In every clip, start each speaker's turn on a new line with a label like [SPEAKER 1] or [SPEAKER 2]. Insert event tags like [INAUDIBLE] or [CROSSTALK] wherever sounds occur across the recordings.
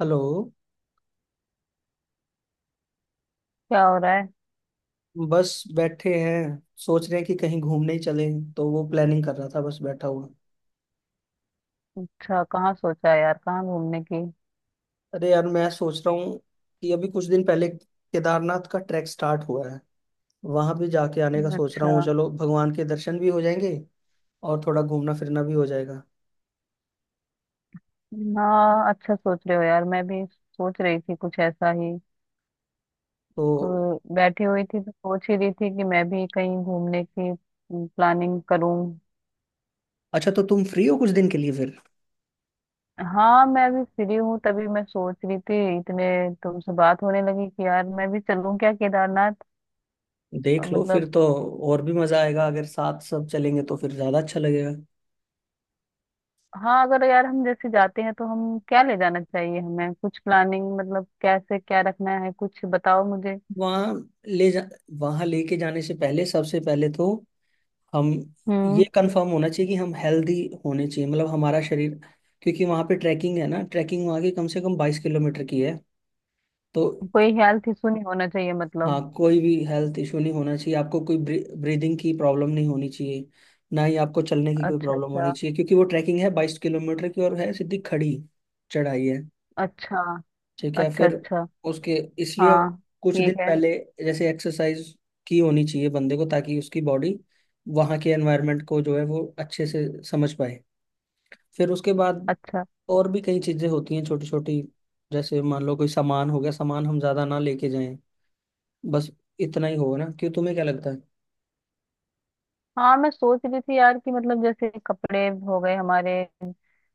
[SPEAKER 1] Hello.
[SPEAKER 2] क्या हो रहा है।
[SPEAKER 1] बस बैठे हैं। सोच रहे हैं कि कहीं घूमने ही चले, तो वो प्लानिंग कर रहा था, बस बैठा हुआ।
[SPEAKER 2] अच्छा, कहाँ सोचा है यार, कहाँ घूमने की।
[SPEAKER 1] अरे यार, मैं सोच रहा हूँ कि अभी कुछ दिन पहले केदारनाथ का ट्रैक स्टार्ट हुआ है। वहां भी जाके आने का सोच रहा
[SPEAKER 2] अच्छा।
[SPEAKER 1] हूँ, चलो भगवान के दर्शन भी हो जाएंगे और थोड़ा घूमना फिरना भी हो जाएगा।
[SPEAKER 2] हाँ, अच्छा सोच रहे हो यार, मैं भी सोच रही थी कुछ ऐसा ही।
[SPEAKER 1] तो
[SPEAKER 2] बैठी हुई थी तो सोच ही रही थी कि मैं भी कहीं घूमने की प्लानिंग करूं।
[SPEAKER 1] अच्छा, तो तुम फ्री हो कुछ दिन के लिए फिर?
[SPEAKER 2] हाँ, मैं भी फ्री हूँ, तभी मैं सोच रही थी इतने तुमसे बात होने लगी कि यार मैं भी चलूं क्या केदारनाथ।
[SPEAKER 1] देख लो
[SPEAKER 2] मतलब।
[SPEAKER 1] फिर तो। और भी मजा आएगा, अगर साथ सब चलेंगे तो फिर ज्यादा अच्छा लगेगा।
[SPEAKER 2] हाँ, अगर यार हम जैसे जाते हैं तो हम क्या ले जाना चाहिए, हमें कुछ प्लानिंग मतलब कैसे क्या रखना है, कुछ बताओ मुझे।
[SPEAKER 1] वहाँ ले जा वहाँ लेके जाने से पहले, सबसे पहले तो हम ये
[SPEAKER 2] हम्म।
[SPEAKER 1] कंफर्म होना चाहिए कि हम हेल्दी होने चाहिए, मतलब हमारा शरीर। क्योंकि वहाँ पे ट्रैकिंग है ना। ट्रैकिंग वहाँ की कम से कम 22 किलोमीटर की है। तो
[SPEAKER 2] कोई हेल्थ इशू नहीं होना चाहिए मतलब।
[SPEAKER 1] हाँ, कोई भी हेल्थ इशू नहीं होना चाहिए, आपको कोई ब्रीदिंग की प्रॉब्लम नहीं होनी चाहिए, ना ही आपको चलने की कोई
[SPEAKER 2] अच्छा,
[SPEAKER 1] प्रॉब्लम होनी
[SPEAKER 2] अच्छा।
[SPEAKER 1] चाहिए, क्योंकि वो ट्रैकिंग है 22 किलोमीटर की और है सीधी खड़ी चढ़ाई है।
[SPEAKER 2] अच्छा,
[SPEAKER 1] ठीक है
[SPEAKER 2] अच्छा।
[SPEAKER 1] फिर।
[SPEAKER 2] अच्छा।
[SPEAKER 1] उसके इसलिए
[SPEAKER 2] हाँ,
[SPEAKER 1] कुछ दिन
[SPEAKER 2] ठीक है।
[SPEAKER 1] पहले जैसे एक्सरसाइज की होनी चाहिए बंदे को, ताकि उसकी बॉडी वहाँ के एनवायरनमेंट को जो है वो अच्छे से समझ पाए। फिर उसके बाद
[SPEAKER 2] अच्छा।
[SPEAKER 1] और भी कई चीजें होती हैं छोटी छोटी। जैसे मान लो कोई सामान हो गया, सामान हम ज्यादा ना लेके जाएं। बस इतना ही होगा ना, क्यों, तुम्हें क्या लगता है?
[SPEAKER 2] हाँ, मैं सोच रही थी यार कि मतलब जैसे कपड़े हो गए हमारे,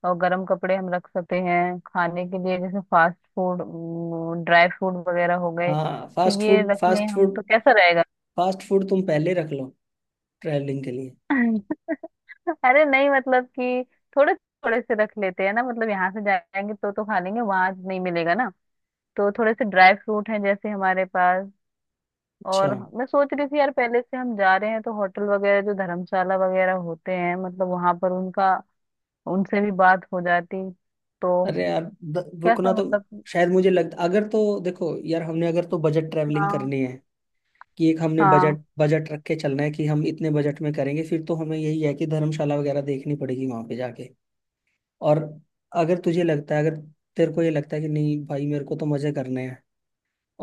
[SPEAKER 2] और गर्म कपड़े हम रख सकते हैं, खाने के लिए जैसे फास्ट फूड, ड्राई फ्रूट वगैरह हो गए,
[SPEAKER 1] हाँ, फास्ट
[SPEAKER 2] तो ये
[SPEAKER 1] फूड,
[SPEAKER 2] रख लें
[SPEAKER 1] फास्ट
[SPEAKER 2] हम
[SPEAKER 1] फूड।
[SPEAKER 2] तो कैसा रहेगा।
[SPEAKER 1] फास्ट फूड तुम पहले रख लो, ट्रैवलिंग के लिए।
[SPEAKER 2] [LAUGHS] अरे नहीं मतलब कि थोड़े थोड़े से रख लेते हैं ना, मतलब यहाँ से जाएंगे तो खा लेंगे, वहां नहीं मिलेगा ना। तो थोड़े से ड्राई फ्रूट हैं जैसे हमारे पास।
[SPEAKER 1] अच्छा।
[SPEAKER 2] और मैं सोच रही थी यार, पहले से हम जा रहे हैं तो होटल वगैरह जो धर्मशाला वगैरह होते हैं, मतलब वहां पर उनका उनसे भी बात हो जाती, तो
[SPEAKER 1] अरे यार, रुकना
[SPEAKER 2] कैसा
[SPEAKER 1] तो।
[SPEAKER 2] मतलब।
[SPEAKER 1] शायद मुझे लगता, अगर तो देखो यार, हमने अगर तो बजट ट्रैवलिंग
[SPEAKER 2] हाँ,
[SPEAKER 1] करनी है, कि एक हमने
[SPEAKER 2] हाँ।
[SPEAKER 1] बजट, बजट रख के चलना है कि हम इतने बजट में करेंगे, फिर तो हमें यही है कि धर्मशाला वगैरह देखनी पड़ेगी वहां पे जाके। और अगर तेरे को ये लगता है कि नहीं भाई, मेरे को तो मजे करने हैं,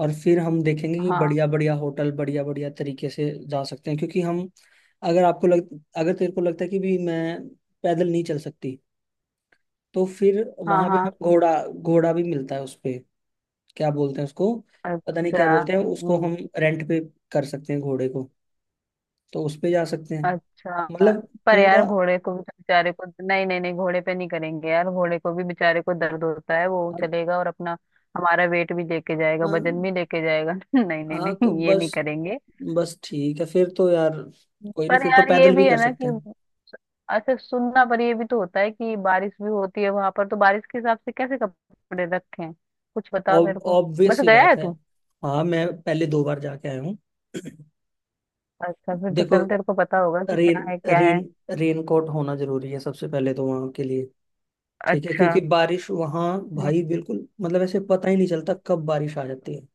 [SPEAKER 1] और फिर हम देखेंगे कि
[SPEAKER 2] हाँ,
[SPEAKER 1] बढ़िया बढ़िया होटल, बढ़िया बढ़िया तरीके से जा सकते हैं, क्योंकि हम, अगर आपको लग अगर तेरे को लगता है कि भी मैं पैदल नहीं चल सकती, तो फिर
[SPEAKER 2] हाँ।
[SPEAKER 1] वहां पे हम,
[SPEAKER 2] हाँ।
[SPEAKER 1] घोड़ा, घोड़ा भी मिलता है उस पे। क्या बोलते हैं उसको, पता नहीं क्या
[SPEAKER 2] अच्छा।
[SPEAKER 1] बोलते हैं उसको। हम
[SPEAKER 2] हम्म।
[SPEAKER 1] रेंट पे कर सकते हैं घोड़े को, तो उस पे जा सकते हैं।
[SPEAKER 2] अच्छा।
[SPEAKER 1] मतलब
[SPEAKER 2] पर यार
[SPEAKER 1] पूरा।
[SPEAKER 2] घोड़े को भी तो बेचारे को, नहीं नहीं नहीं, घोड़े पे नहीं करेंगे यार, घोड़े को भी बेचारे को दर्द होता है, वो
[SPEAKER 1] हाँ
[SPEAKER 2] चलेगा और अपना हमारा वेट भी लेके जाएगा,
[SPEAKER 1] हाँ,
[SPEAKER 2] वजन भी लेके जाएगा। [LAUGHS] नहीं नहीं
[SPEAKER 1] हाँ, तो
[SPEAKER 2] नहीं, ये नहीं
[SPEAKER 1] बस
[SPEAKER 2] करेंगे।
[SPEAKER 1] बस ठीक है फिर तो यार। कोई नहीं,
[SPEAKER 2] पर
[SPEAKER 1] फिर तो
[SPEAKER 2] यार ये
[SPEAKER 1] पैदल भी
[SPEAKER 2] भी है
[SPEAKER 1] कर
[SPEAKER 2] ना
[SPEAKER 1] सकते
[SPEAKER 2] कि
[SPEAKER 1] हैं।
[SPEAKER 2] अच्छा, सुनना, पर ये भी तो होता है कि बारिश भी होती है वहां पर, तो बारिश के हिसाब से कैसे कपड़े रखें, कुछ बताओ मेरे को।
[SPEAKER 1] ऑब्वियस
[SPEAKER 2] बस
[SPEAKER 1] सी
[SPEAKER 2] गया
[SPEAKER 1] बात
[SPEAKER 2] है
[SPEAKER 1] है।
[SPEAKER 2] तू।
[SPEAKER 1] हाँ, मैं पहले 2 बार जाके आया हूँ। [CLEARS THROAT]
[SPEAKER 2] अच्छा, फिर तो
[SPEAKER 1] देखो,
[SPEAKER 2] चल, तेरे को पता होगा कि
[SPEAKER 1] रेन
[SPEAKER 2] क्या है क्या है।
[SPEAKER 1] रेन रेन कोट होना जरूरी है सबसे पहले तो वहाँ के लिए। ठीक है,
[SPEAKER 2] अच्छा।
[SPEAKER 1] क्योंकि बारिश वहाँ,
[SPEAKER 2] हम्म।
[SPEAKER 1] भाई बिल्कुल, मतलब ऐसे पता ही नहीं चलता कब बारिश आ जाती है।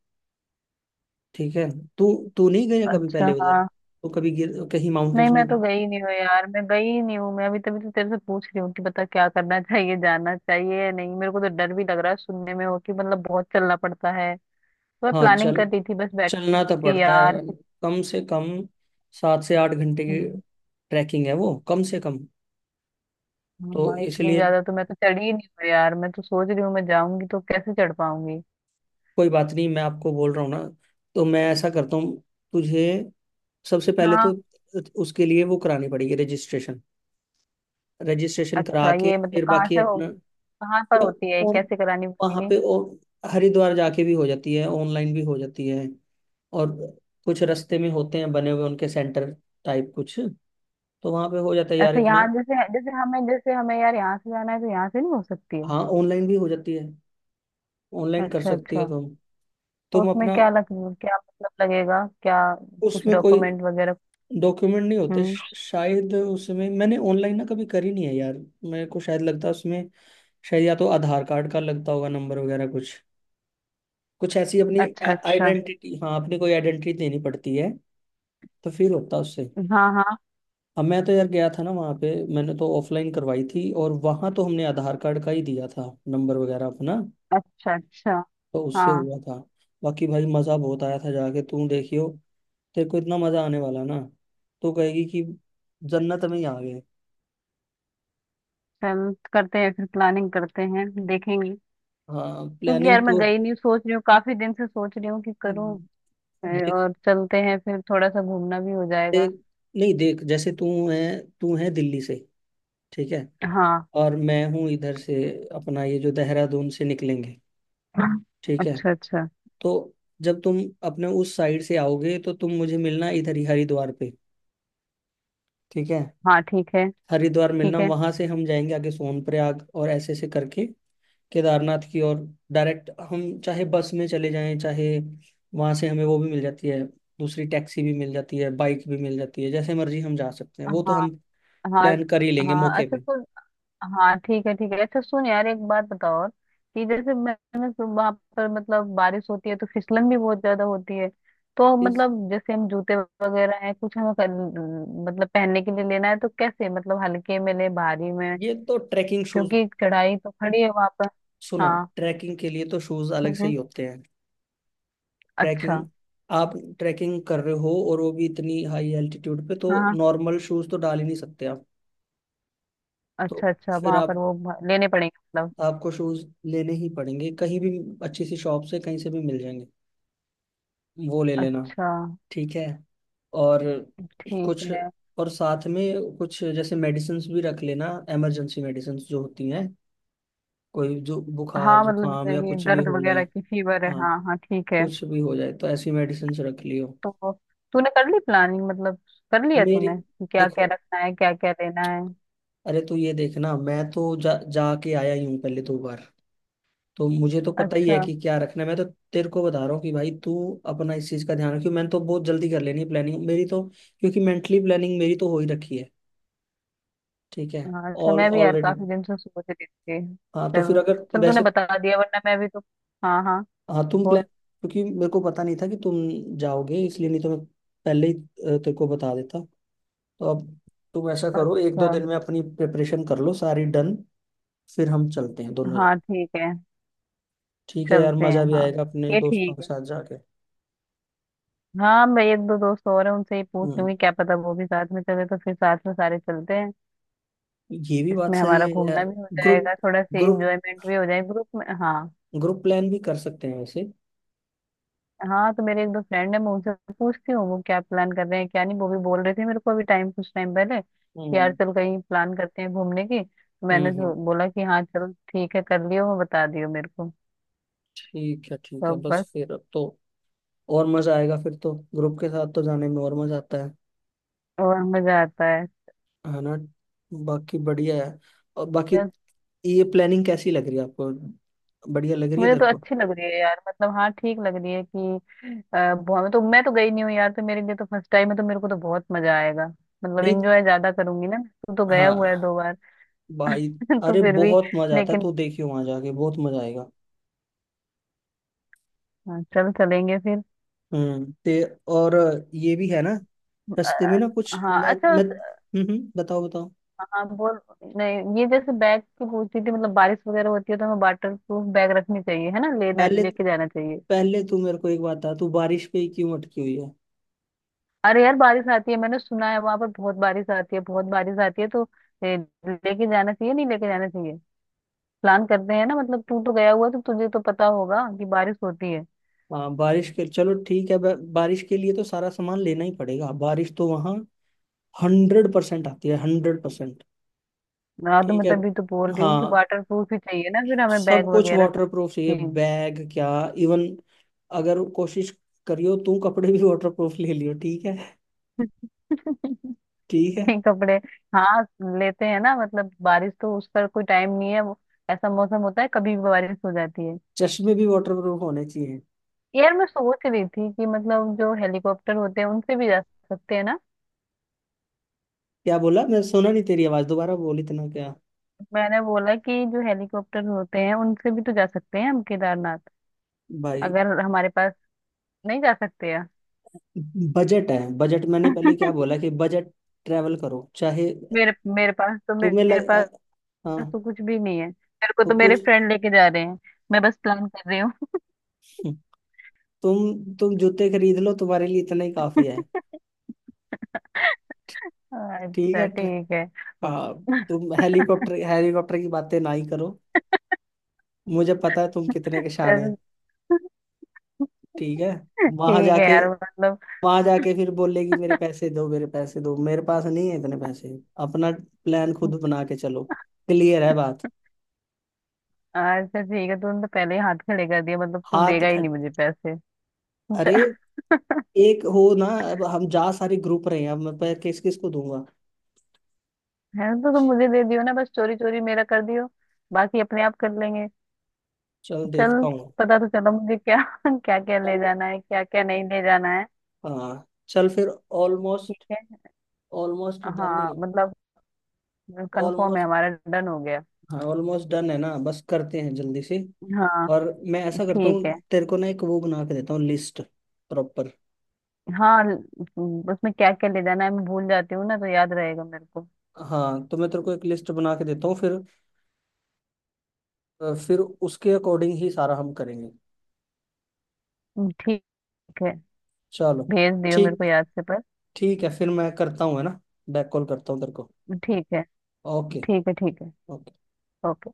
[SPEAKER 1] ठीक है। तू तू नहीं गया कभी
[SPEAKER 2] अच्छा।
[SPEAKER 1] पहले उधर?
[SPEAKER 2] हाँ।
[SPEAKER 1] तू कभी गिर कहीं
[SPEAKER 2] नहीं,
[SPEAKER 1] माउंटेन्स में
[SPEAKER 2] मैं तो
[SPEAKER 1] गए?
[SPEAKER 2] गई नहीं हूँ यार, मैं गई ही नहीं हूँ, मैं अभी तभी तो तेरे से पूछ रही हूँ कि बता क्या करना [LAUGHS] चाहिए, जाना चाहिए या नहीं, मेरे को तो डर भी लग रहा है सुनने में हो कि मतलब बहुत चलना पड़ता है। तो मैं
[SPEAKER 1] हाँ
[SPEAKER 2] प्लानिंग
[SPEAKER 1] चल,
[SPEAKER 2] कर रही थी, बस बैठी हुई
[SPEAKER 1] चलना
[SPEAKER 2] थी
[SPEAKER 1] तो
[SPEAKER 2] कि
[SPEAKER 1] पड़ता है।
[SPEAKER 2] यार
[SPEAKER 1] कम से कम 7 से 8 घंटे की
[SPEAKER 2] कुछ।
[SPEAKER 1] ट्रैकिंग है वो, कम से कम। तो
[SPEAKER 2] हाँ, इतनी
[SPEAKER 1] इसलिए
[SPEAKER 2] ज्यादा तो मैं तो चढ़ी ही नहीं हूँ यार, मैं तो सोच रही हूँ मैं जाऊंगी तो कैसे चढ़ पाऊंगी।
[SPEAKER 1] कोई बात नहीं, मैं आपको बोल रहा हूँ ना। तो मैं ऐसा करता हूँ, तुझे सबसे पहले तो
[SPEAKER 2] हाँ,
[SPEAKER 1] उसके लिए वो करानी पड़ेगी, रजिस्ट्रेशन। रजिस्ट्रेशन करा
[SPEAKER 2] अच्छा,
[SPEAKER 1] के
[SPEAKER 2] ये मतलब
[SPEAKER 1] फिर
[SPEAKER 2] कहाँ
[SPEAKER 1] बाकी
[SPEAKER 2] से
[SPEAKER 1] अपना,
[SPEAKER 2] होगी, कहाँ पर होती है,
[SPEAKER 1] और
[SPEAKER 2] कैसे करानी
[SPEAKER 1] वहाँ
[SPEAKER 2] पड़ेगी।
[SPEAKER 1] पे और हरिद्वार जाके भी हो जाती है, ऑनलाइन भी हो जाती है। और कुछ रास्ते में होते हैं बने हुए, उनके सेंटर टाइप कुछ, तो वहाँ पे हो जाता है यार
[SPEAKER 2] अच्छा, यहाँ
[SPEAKER 1] इतना।
[SPEAKER 2] जैसे जैसे हमें यार, यहाँ से जाना है तो यहाँ से नहीं हो सकती है।
[SPEAKER 1] हाँ, ऑनलाइन भी हो जाती है, ऑनलाइन कर
[SPEAKER 2] अच्छा,
[SPEAKER 1] सकती हो
[SPEAKER 2] अच्छा।
[SPEAKER 1] तुम।
[SPEAKER 2] तो
[SPEAKER 1] तुम
[SPEAKER 2] उसमें
[SPEAKER 1] अपना
[SPEAKER 2] क्या मतलब लगेगा क्या, कुछ
[SPEAKER 1] उसमें कोई
[SPEAKER 2] डॉक्यूमेंट वगैरह।
[SPEAKER 1] डॉक्यूमेंट नहीं होते,
[SPEAKER 2] हम्म।
[SPEAKER 1] शायद। उसमें मैंने ऑनलाइन ना कभी करी नहीं है यार। मेरे को शायद लगता है उसमें, शायद या तो आधार कार्ड का लगता होगा, नंबर वगैरह कुछ। कुछ ऐसी अपनी
[SPEAKER 2] अच्छा, अच्छा।
[SPEAKER 1] आइडेंटिटी, हाँ, अपनी कोई आइडेंटिटी देनी पड़ती है, तो फिर होता है उससे।
[SPEAKER 2] हाँ, हाँ।
[SPEAKER 1] अब मैं तो यार गया था ना वहाँ पे, मैंने तो ऑफलाइन करवाई थी, और वहाँ तो हमने आधार कार्ड का ही दिया था, नंबर वगैरह अपना,
[SPEAKER 2] अच्छा, अच्छा।
[SPEAKER 1] तो उससे
[SPEAKER 2] हाँ,
[SPEAKER 1] हुआ था। बाकी भाई, मज़ा बहुत आया था जाके। तू देखियो, तेरे को इतना मज़ा आने वाला ना, तू कहेगी कि जन्नत में ही आ गए।
[SPEAKER 2] चल करते हैं फिर, प्लानिंग करते हैं देखेंगे।
[SPEAKER 1] हाँ,
[SPEAKER 2] क्योंकि
[SPEAKER 1] प्लानिंग
[SPEAKER 2] यार मैं
[SPEAKER 1] तो
[SPEAKER 2] गई नहीं, सोच रही हूँ काफी दिन से, सोच रही हूँ कि करूँ।
[SPEAKER 1] देख,
[SPEAKER 2] और चलते हैं फिर, थोड़ा सा घूमना भी हो जाएगा।
[SPEAKER 1] देख, नहीं, देख, जैसे तू है दिल्ली से। ठीक है।
[SPEAKER 2] हाँ।
[SPEAKER 1] और मैं हूँ इधर से, अपना ये जो देहरादून से निकलेंगे। ठीक है।
[SPEAKER 2] अच्छा, अच्छा।
[SPEAKER 1] तो जब तुम अपने उस साइड से आओगे, तो तुम मुझे मिलना इधर ही, हरिद्वार पे। ठीक है,
[SPEAKER 2] हाँ, ठीक है,
[SPEAKER 1] हरिद्वार मिलना,
[SPEAKER 2] ठीक है।
[SPEAKER 1] वहां से हम जाएंगे आगे सोनप्रयाग और ऐसे ऐसे करके केदारनाथ की और। डायरेक्ट हम चाहे बस में चले जाएं, चाहे वहां से हमें वो भी मिल जाती है, दूसरी टैक्सी भी मिल जाती है, बाइक भी मिल जाती है, जैसे मर्जी हम जा सकते हैं, वो तो
[SPEAKER 2] हाँ,
[SPEAKER 1] हम
[SPEAKER 2] हाँ,
[SPEAKER 1] प्लान कर ही लेंगे
[SPEAKER 2] हाँ।
[SPEAKER 1] मौके
[SPEAKER 2] अच्छा।
[SPEAKER 1] पे।
[SPEAKER 2] तो हाँ, ठीक है, ठीक है। अच्छा, सुन यार, एक बात बताओ और, कि जैसे मैंने वहां पर मतलब बारिश होती है तो फिसलन भी बहुत ज्यादा होती है, तो
[SPEAKER 1] इस
[SPEAKER 2] मतलब जैसे हम जूते वगैरह हैं कुछ मतलब पहनने के लिए लेना है, तो कैसे मतलब हल्के में ले भारी में,
[SPEAKER 1] ये तो ट्रैकिंग शूज।
[SPEAKER 2] क्योंकि कढ़ाई तो खड़ी है वहां पर।
[SPEAKER 1] सुनो,
[SPEAKER 2] हाँ।
[SPEAKER 1] ट्रैकिंग के लिए तो शूज अलग से ही
[SPEAKER 2] हम्म।
[SPEAKER 1] होते हैं। ट्रैकिंग
[SPEAKER 2] अच्छा।
[SPEAKER 1] आप ट्रैकिंग कर रहे हो और वो भी इतनी हाई एल्टीट्यूड पे, तो
[SPEAKER 2] हाँ, हाँ।
[SPEAKER 1] नॉर्मल शूज तो डाल ही नहीं सकते आप।
[SPEAKER 2] अच्छा,
[SPEAKER 1] तो
[SPEAKER 2] अच्छा,
[SPEAKER 1] फिर
[SPEAKER 2] वहां पर
[SPEAKER 1] आप
[SPEAKER 2] लेने पड़ेंगे मतलब।
[SPEAKER 1] आपको शूज लेने ही पड़ेंगे, कहीं भी अच्छी सी शॉप से कहीं से भी मिल जाएंगे, वो ले लेना।
[SPEAKER 2] अच्छा,
[SPEAKER 1] ठीक है। और
[SPEAKER 2] ठीक
[SPEAKER 1] कुछ,
[SPEAKER 2] है।
[SPEAKER 1] और साथ में कुछ जैसे मेडिसिन्स भी रख लेना, इमरजेंसी मेडिसिन्स जो होती हैं, कोई जो बुखार
[SPEAKER 2] हाँ मतलब
[SPEAKER 1] जुकाम
[SPEAKER 2] जैसे
[SPEAKER 1] या
[SPEAKER 2] कि
[SPEAKER 1] कुछ भी
[SPEAKER 2] दर्द
[SPEAKER 1] हो जाए।
[SPEAKER 2] वगैरह की, फीवर है,
[SPEAKER 1] हाँ,
[SPEAKER 2] हाँ, हाँ, ठीक है।
[SPEAKER 1] कुछ भी हो जाए तो ऐसी मेडिसिन्स रख लियो।
[SPEAKER 2] तो तूने कर ली प्लानिंग मतलब, कर लिया
[SPEAKER 1] मेरे
[SPEAKER 2] तूने कि क्या क्या
[SPEAKER 1] देखो,
[SPEAKER 2] रखना है, क्या क्या लेना है।
[SPEAKER 1] अरे तू ये देखना, मैं तो जा जाके आया ही हूँ पहले 2 बार, तो मुझे तो पता ही है
[SPEAKER 2] अच्छा।
[SPEAKER 1] कि क्या रखना है। मैं तो तेरे को बता रहा हूँ कि भाई तू अपना इस चीज़ का ध्यान रखियो। मैंने तो बहुत जल्दी कर लेनी है प्लानिंग मेरी तो, क्योंकि मेंटली प्लानिंग मेरी तो हो ही रखी है। ठीक है,
[SPEAKER 2] हाँ, अच्छा,
[SPEAKER 1] ऑल
[SPEAKER 2] मैं भी यार
[SPEAKER 1] ऑलरेडी।
[SPEAKER 2] काफी दिन से सोच रही थी।
[SPEAKER 1] हाँ, तो फिर
[SPEAKER 2] चल,
[SPEAKER 1] अगर
[SPEAKER 2] चल तूने
[SPEAKER 1] वैसे,
[SPEAKER 2] बता दिया, वरना मैं भी तो। हाँ, हाँ।
[SPEAKER 1] हाँ। तुम प्लान
[SPEAKER 2] बोल।
[SPEAKER 1] क्योंकि मेरे को पता नहीं था कि तुम जाओगे, इसलिए, नहीं तो मैं पहले ही तेरे को बता देता। तो अब तुम ऐसा करो, एक
[SPEAKER 2] अच्छा,
[SPEAKER 1] दो दिन में अपनी प्रिपरेशन कर लो सारी, डन। फिर हम चलते हैं दोनों जन।
[SPEAKER 2] हाँ, ठीक है।
[SPEAKER 1] ठीक है यार,
[SPEAKER 2] चलते हैं,
[SPEAKER 1] मजा भी
[SPEAKER 2] हाँ।
[SPEAKER 1] आएगा अपने
[SPEAKER 2] ये
[SPEAKER 1] दोस्तों
[SPEAKER 2] ठीक
[SPEAKER 1] के
[SPEAKER 2] है।
[SPEAKER 1] साथ जाके।
[SPEAKER 2] हाँ, मैं एक दो दोस्त और हैं, उनसे ही पूछ
[SPEAKER 1] हम्म
[SPEAKER 2] लूंगी, क्या पता वो भी साथ में चले तो फिर साथ में सारे चलते हैं।
[SPEAKER 1] ये भी बात
[SPEAKER 2] इसमें
[SPEAKER 1] सही
[SPEAKER 2] हमारा
[SPEAKER 1] है यार।
[SPEAKER 2] घूमना भी हो
[SPEAKER 1] ग्रुप,
[SPEAKER 2] जाएगा, थोड़ा सा
[SPEAKER 1] ग्रुप,
[SPEAKER 2] इंजॉयमेंट भी हो जाएगा ग्रुप में, हाँ।
[SPEAKER 1] ग्रुप प्लान भी कर सकते हैं वैसे।
[SPEAKER 2] हाँ, तो मेरे एक दो फ्रेंड है, मैं उनसे पूछती हूँ वो क्या प्लान कर रहे हैं क्या नहीं, वो भी बोल रहे थे मेरे को अभी टाइम, कुछ टाइम पहले कि यार
[SPEAKER 1] हम्म
[SPEAKER 2] चल कहीं प्लान करते हैं घूमने की, तो
[SPEAKER 1] हम्म
[SPEAKER 2] मैंने
[SPEAKER 1] हम्म,
[SPEAKER 2] जो बोला कि हाँ चलो ठीक है, कर लियो, वो बता दियो मेरे को।
[SPEAKER 1] ठीक है, ठीक
[SPEAKER 2] तो
[SPEAKER 1] है। बस
[SPEAKER 2] बस।
[SPEAKER 1] फिर अब तो और मजा आएगा फिर तो, ग्रुप के साथ तो जाने में और मजा आता है
[SPEAKER 2] और मजा आता
[SPEAKER 1] है ना। बाकी बढ़िया है। और बाकी
[SPEAKER 2] है।
[SPEAKER 1] ये प्लानिंग कैसी लग रही है आपको? बढ़िया लग रही है
[SPEAKER 2] मुझे
[SPEAKER 1] तेरे
[SPEAKER 2] तो
[SPEAKER 1] को?
[SPEAKER 2] अच्छी लग रही है यार, मतलब हाँ ठीक लग रही है कि बहुत, मैं तो गई नहीं हूँ यार, तो मेरे लिए तो फर्स्ट टाइम है तो मेरे को तो बहुत मजा आएगा, मतलब
[SPEAKER 1] नहीं,
[SPEAKER 2] एंजॉय ज्यादा करूंगी ना। तू तो गया हुआ है
[SPEAKER 1] हाँ
[SPEAKER 2] दो बार।
[SPEAKER 1] भाई,
[SPEAKER 2] [LAUGHS] तो
[SPEAKER 1] अरे
[SPEAKER 2] फिर भी।
[SPEAKER 1] बहुत मजा आता है,
[SPEAKER 2] लेकिन।
[SPEAKER 1] तो देखियो वहां जाके बहुत मजा आएगा।
[SPEAKER 2] हाँ, चल चलेंगे फिर।
[SPEAKER 1] हम्म, ते और ये भी है ना, रास्ते में ना कुछ,
[SPEAKER 2] हाँ,
[SPEAKER 1] मैं
[SPEAKER 2] अच्छा,
[SPEAKER 1] मैं हम्म, बताओ बताओ।
[SPEAKER 2] हाँ बोल। नहीं, ये जैसे बैग की पूछ रही थी, मतलब बारिश वगैरह होती है तो हमें वाटर प्रूफ बैग रखनी चाहिए, है ना, लेना
[SPEAKER 1] पहले,
[SPEAKER 2] लेके जाना चाहिए।
[SPEAKER 1] पहले तू मेरे को एक बात बता, तू बारिश पे ही क्यों अटकी हुई है?
[SPEAKER 2] अरे यार बारिश आती है, मैंने सुना है वहां पर बहुत बारिश आती है, बहुत बारिश आती है तो ए, लेके जाना चाहिए नहीं लेके जाना चाहिए, प्लान करते हैं ना, मतलब तू तो गया हुआ है, तो तुझे तो पता होगा कि बारिश होती है।
[SPEAKER 1] हाँ, बारिश के चलो ठीक है, बारिश के लिए तो सारा सामान लेना ही पड़ेगा, बारिश तो वहाँ 100% आती है, 100%।
[SPEAKER 2] मैं तो
[SPEAKER 1] ठीक है,
[SPEAKER 2] मतलब भी तो बोल रही हूँ कि
[SPEAKER 1] हाँ,
[SPEAKER 2] वाटर प्रूफ ही चाहिए ना फिर हमें बैग
[SPEAKER 1] सब कुछ
[SPEAKER 2] वगैरह सब
[SPEAKER 1] वाटर प्रूफ चाहिए,
[SPEAKER 2] चीज।
[SPEAKER 1] बैग क्या, इवन, अगर कोशिश करियो तू, कपड़े भी वाटर प्रूफ ले लियो ठीक है।
[SPEAKER 2] [LAUGHS]
[SPEAKER 1] ठीक है।
[SPEAKER 2] नहीं, कपड़े। हाँ, लेते हैं ना, मतलब बारिश तो उसका कोई टाइम नहीं है, वो ऐसा मौसम होता है, कभी भी बारिश हो जाती है।
[SPEAKER 1] चश्मे भी वाटर प्रूफ होने चाहिए।
[SPEAKER 2] यार मैं सोच रही थी कि मतलब जो हेलीकॉप्टर होते हैं उनसे भी जा सकते हैं ना।
[SPEAKER 1] क्या बोला? मैं सुना नहीं, तेरी आवाज दोबारा बोल, इतना क्या?
[SPEAKER 2] मैंने बोला कि जो हेलीकॉप्टर होते हैं उनसे भी तो जा सकते हैं हम केदारनाथ,
[SPEAKER 1] भाई,
[SPEAKER 2] अगर हमारे पास। नहीं, जा सकते हैं।
[SPEAKER 1] बजट है बजट, मैंने पहले क्या
[SPEAKER 2] [LAUGHS]
[SPEAKER 1] बोला, कि बजट ट्रैवल करो चाहे,
[SPEAKER 2] मेरे मेरे पास तो,
[SPEAKER 1] तुम्हें
[SPEAKER 2] मेरे
[SPEAKER 1] लग अ-
[SPEAKER 2] पास
[SPEAKER 1] हाँ,
[SPEAKER 2] तो कुछ भी नहीं है, मेरे को
[SPEAKER 1] तो
[SPEAKER 2] तो मेरे
[SPEAKER 1] कुछ
[SPEAKER 2] फ्रेंड लेके जा रहे हैं, मैं बस प्लान कर रही हूँ।
[SPEAKER 1] तुम जूते खरीद लो, तुम्हारे लिए इतना ही काफी है।
[SPEAKER 2] [LAUGHS]
[SPEAKER 1] ठीक
[SPEAKER 2] अच्छा,
[SPEAKER 1] है।
[SPEAKER 2] ठीक है।
[SPEAKER 1] हाँ, तुम हेलीकॉप्टर, हेलीकॉप्टर की बातें ना ही करो, मुझे पता है तुम कितने के शान है।
[SPEAKER 2] चल,
[SPEAKER 1] ठीक है, वहां
[SPEAKER 2] ठीक है
[SPEAKER 1] जाके,
[SPEAKER 2] यार मतलब।
[SPEAKER 1] वहां जाके फिर बोलेगी: मेरे पैसे दो, मेरे पैसे दो, मेरे पास नहीं है इतने पैसे। अपना प्लान खुद बना के चलो। क्लियर है बात?
[SPEAKER 2] हाँ, अच्छा, ठीक है, तूने तो पहले ही हाथ खड़े कर दिया, मतलब तू
[SPEAKER 1] हाथ
[SPEAKER 2] देगा ही
[SPEAKER 1] खट
[SPEAKER 2] नहीं मुझे पैसे।
[SPEAKER 1] अरे,
[SPEAKER 2] अच्छा,
[SPEAKER 1] एक हो ना, अब हम जा, सारे ग्रुप रहे हैं, अब मैं पैर किस किस को दूंगा?
[SPEAKER 2] है तो तुम मुझे दे दियो ना, बस चोरी चोरी मेरा कर दियो, बाकी अपने आप कर लेंगे।
[SPEAKER 1] चल
[SPEAKER 2] चल।
[SPEAKER 1] देखता हूँ।
[SPEAKER 2] पता तो चला मुझे क्या [LAUGHS] क्या क्या ले
[SPEAKER 1] चल,
[SPEAKER 2] जाना है, क्या क्या नहीं ले जाना है।
[SPEAKER 1] हाँ चल फिर।
[SPEAKER 2] ठीक
[SPEAKER 1] ऑलमोस्ट,
[SPEAKER 2] है।
[SPEAKER 1] ऑलमोस्ट डन ही
[SPEAKER 2] हाँ,
[SPEAKER 1] है।
[SPEAKER 2] मतलब कंफर्म है,
[SPEAKER 1] ऑलमोस्ट,
[SPEAKER 2] हमारा डन हो गया।
[SPEAKER 1] हाँ, ऑलमोस्ट डन है ना, बस करते हैं जल्दी से।
[SPEAKER 2] हाँ।
[SPEAKER 1] और मैं ऐसा करता हूँ,
[SPEAKER 2] ठीक है।
[SPEAKER 1] तेरे को ना एक वो बना के देता हूँ, लिस्ट प्रॉपर।
[SPEAKER 2] हाँ, उसमें क्या क्या ले जाना है मैं भूल जाती हूँ ना, तो याद रहेगा मेरे को।
[SPEAKER 1] हाँ, तो मैं तेरे को एक लिस्ट बना के देता हूँ फिर, फिर उसके अकॉर्डिंग ही सारा हम करेंगे।
[SPEAKER 2] ठीक है।
[SPEAKER 1] चलो,
[SPEAKER 2] भेज दियो मेरे
[SPEAKER 1] ठीक
[SPEAKER 2] को याद से पर।
[SPEAKER 1] ठीक है फिर, मैं करता हूँ है ना, बैक कॉल करता हूँ तेरे को।
[SPEAKER 2] ठीक है,
[SPEAKER 1] ओके।
[SPEAKER 2] ठीक है। ठीक है। ओके।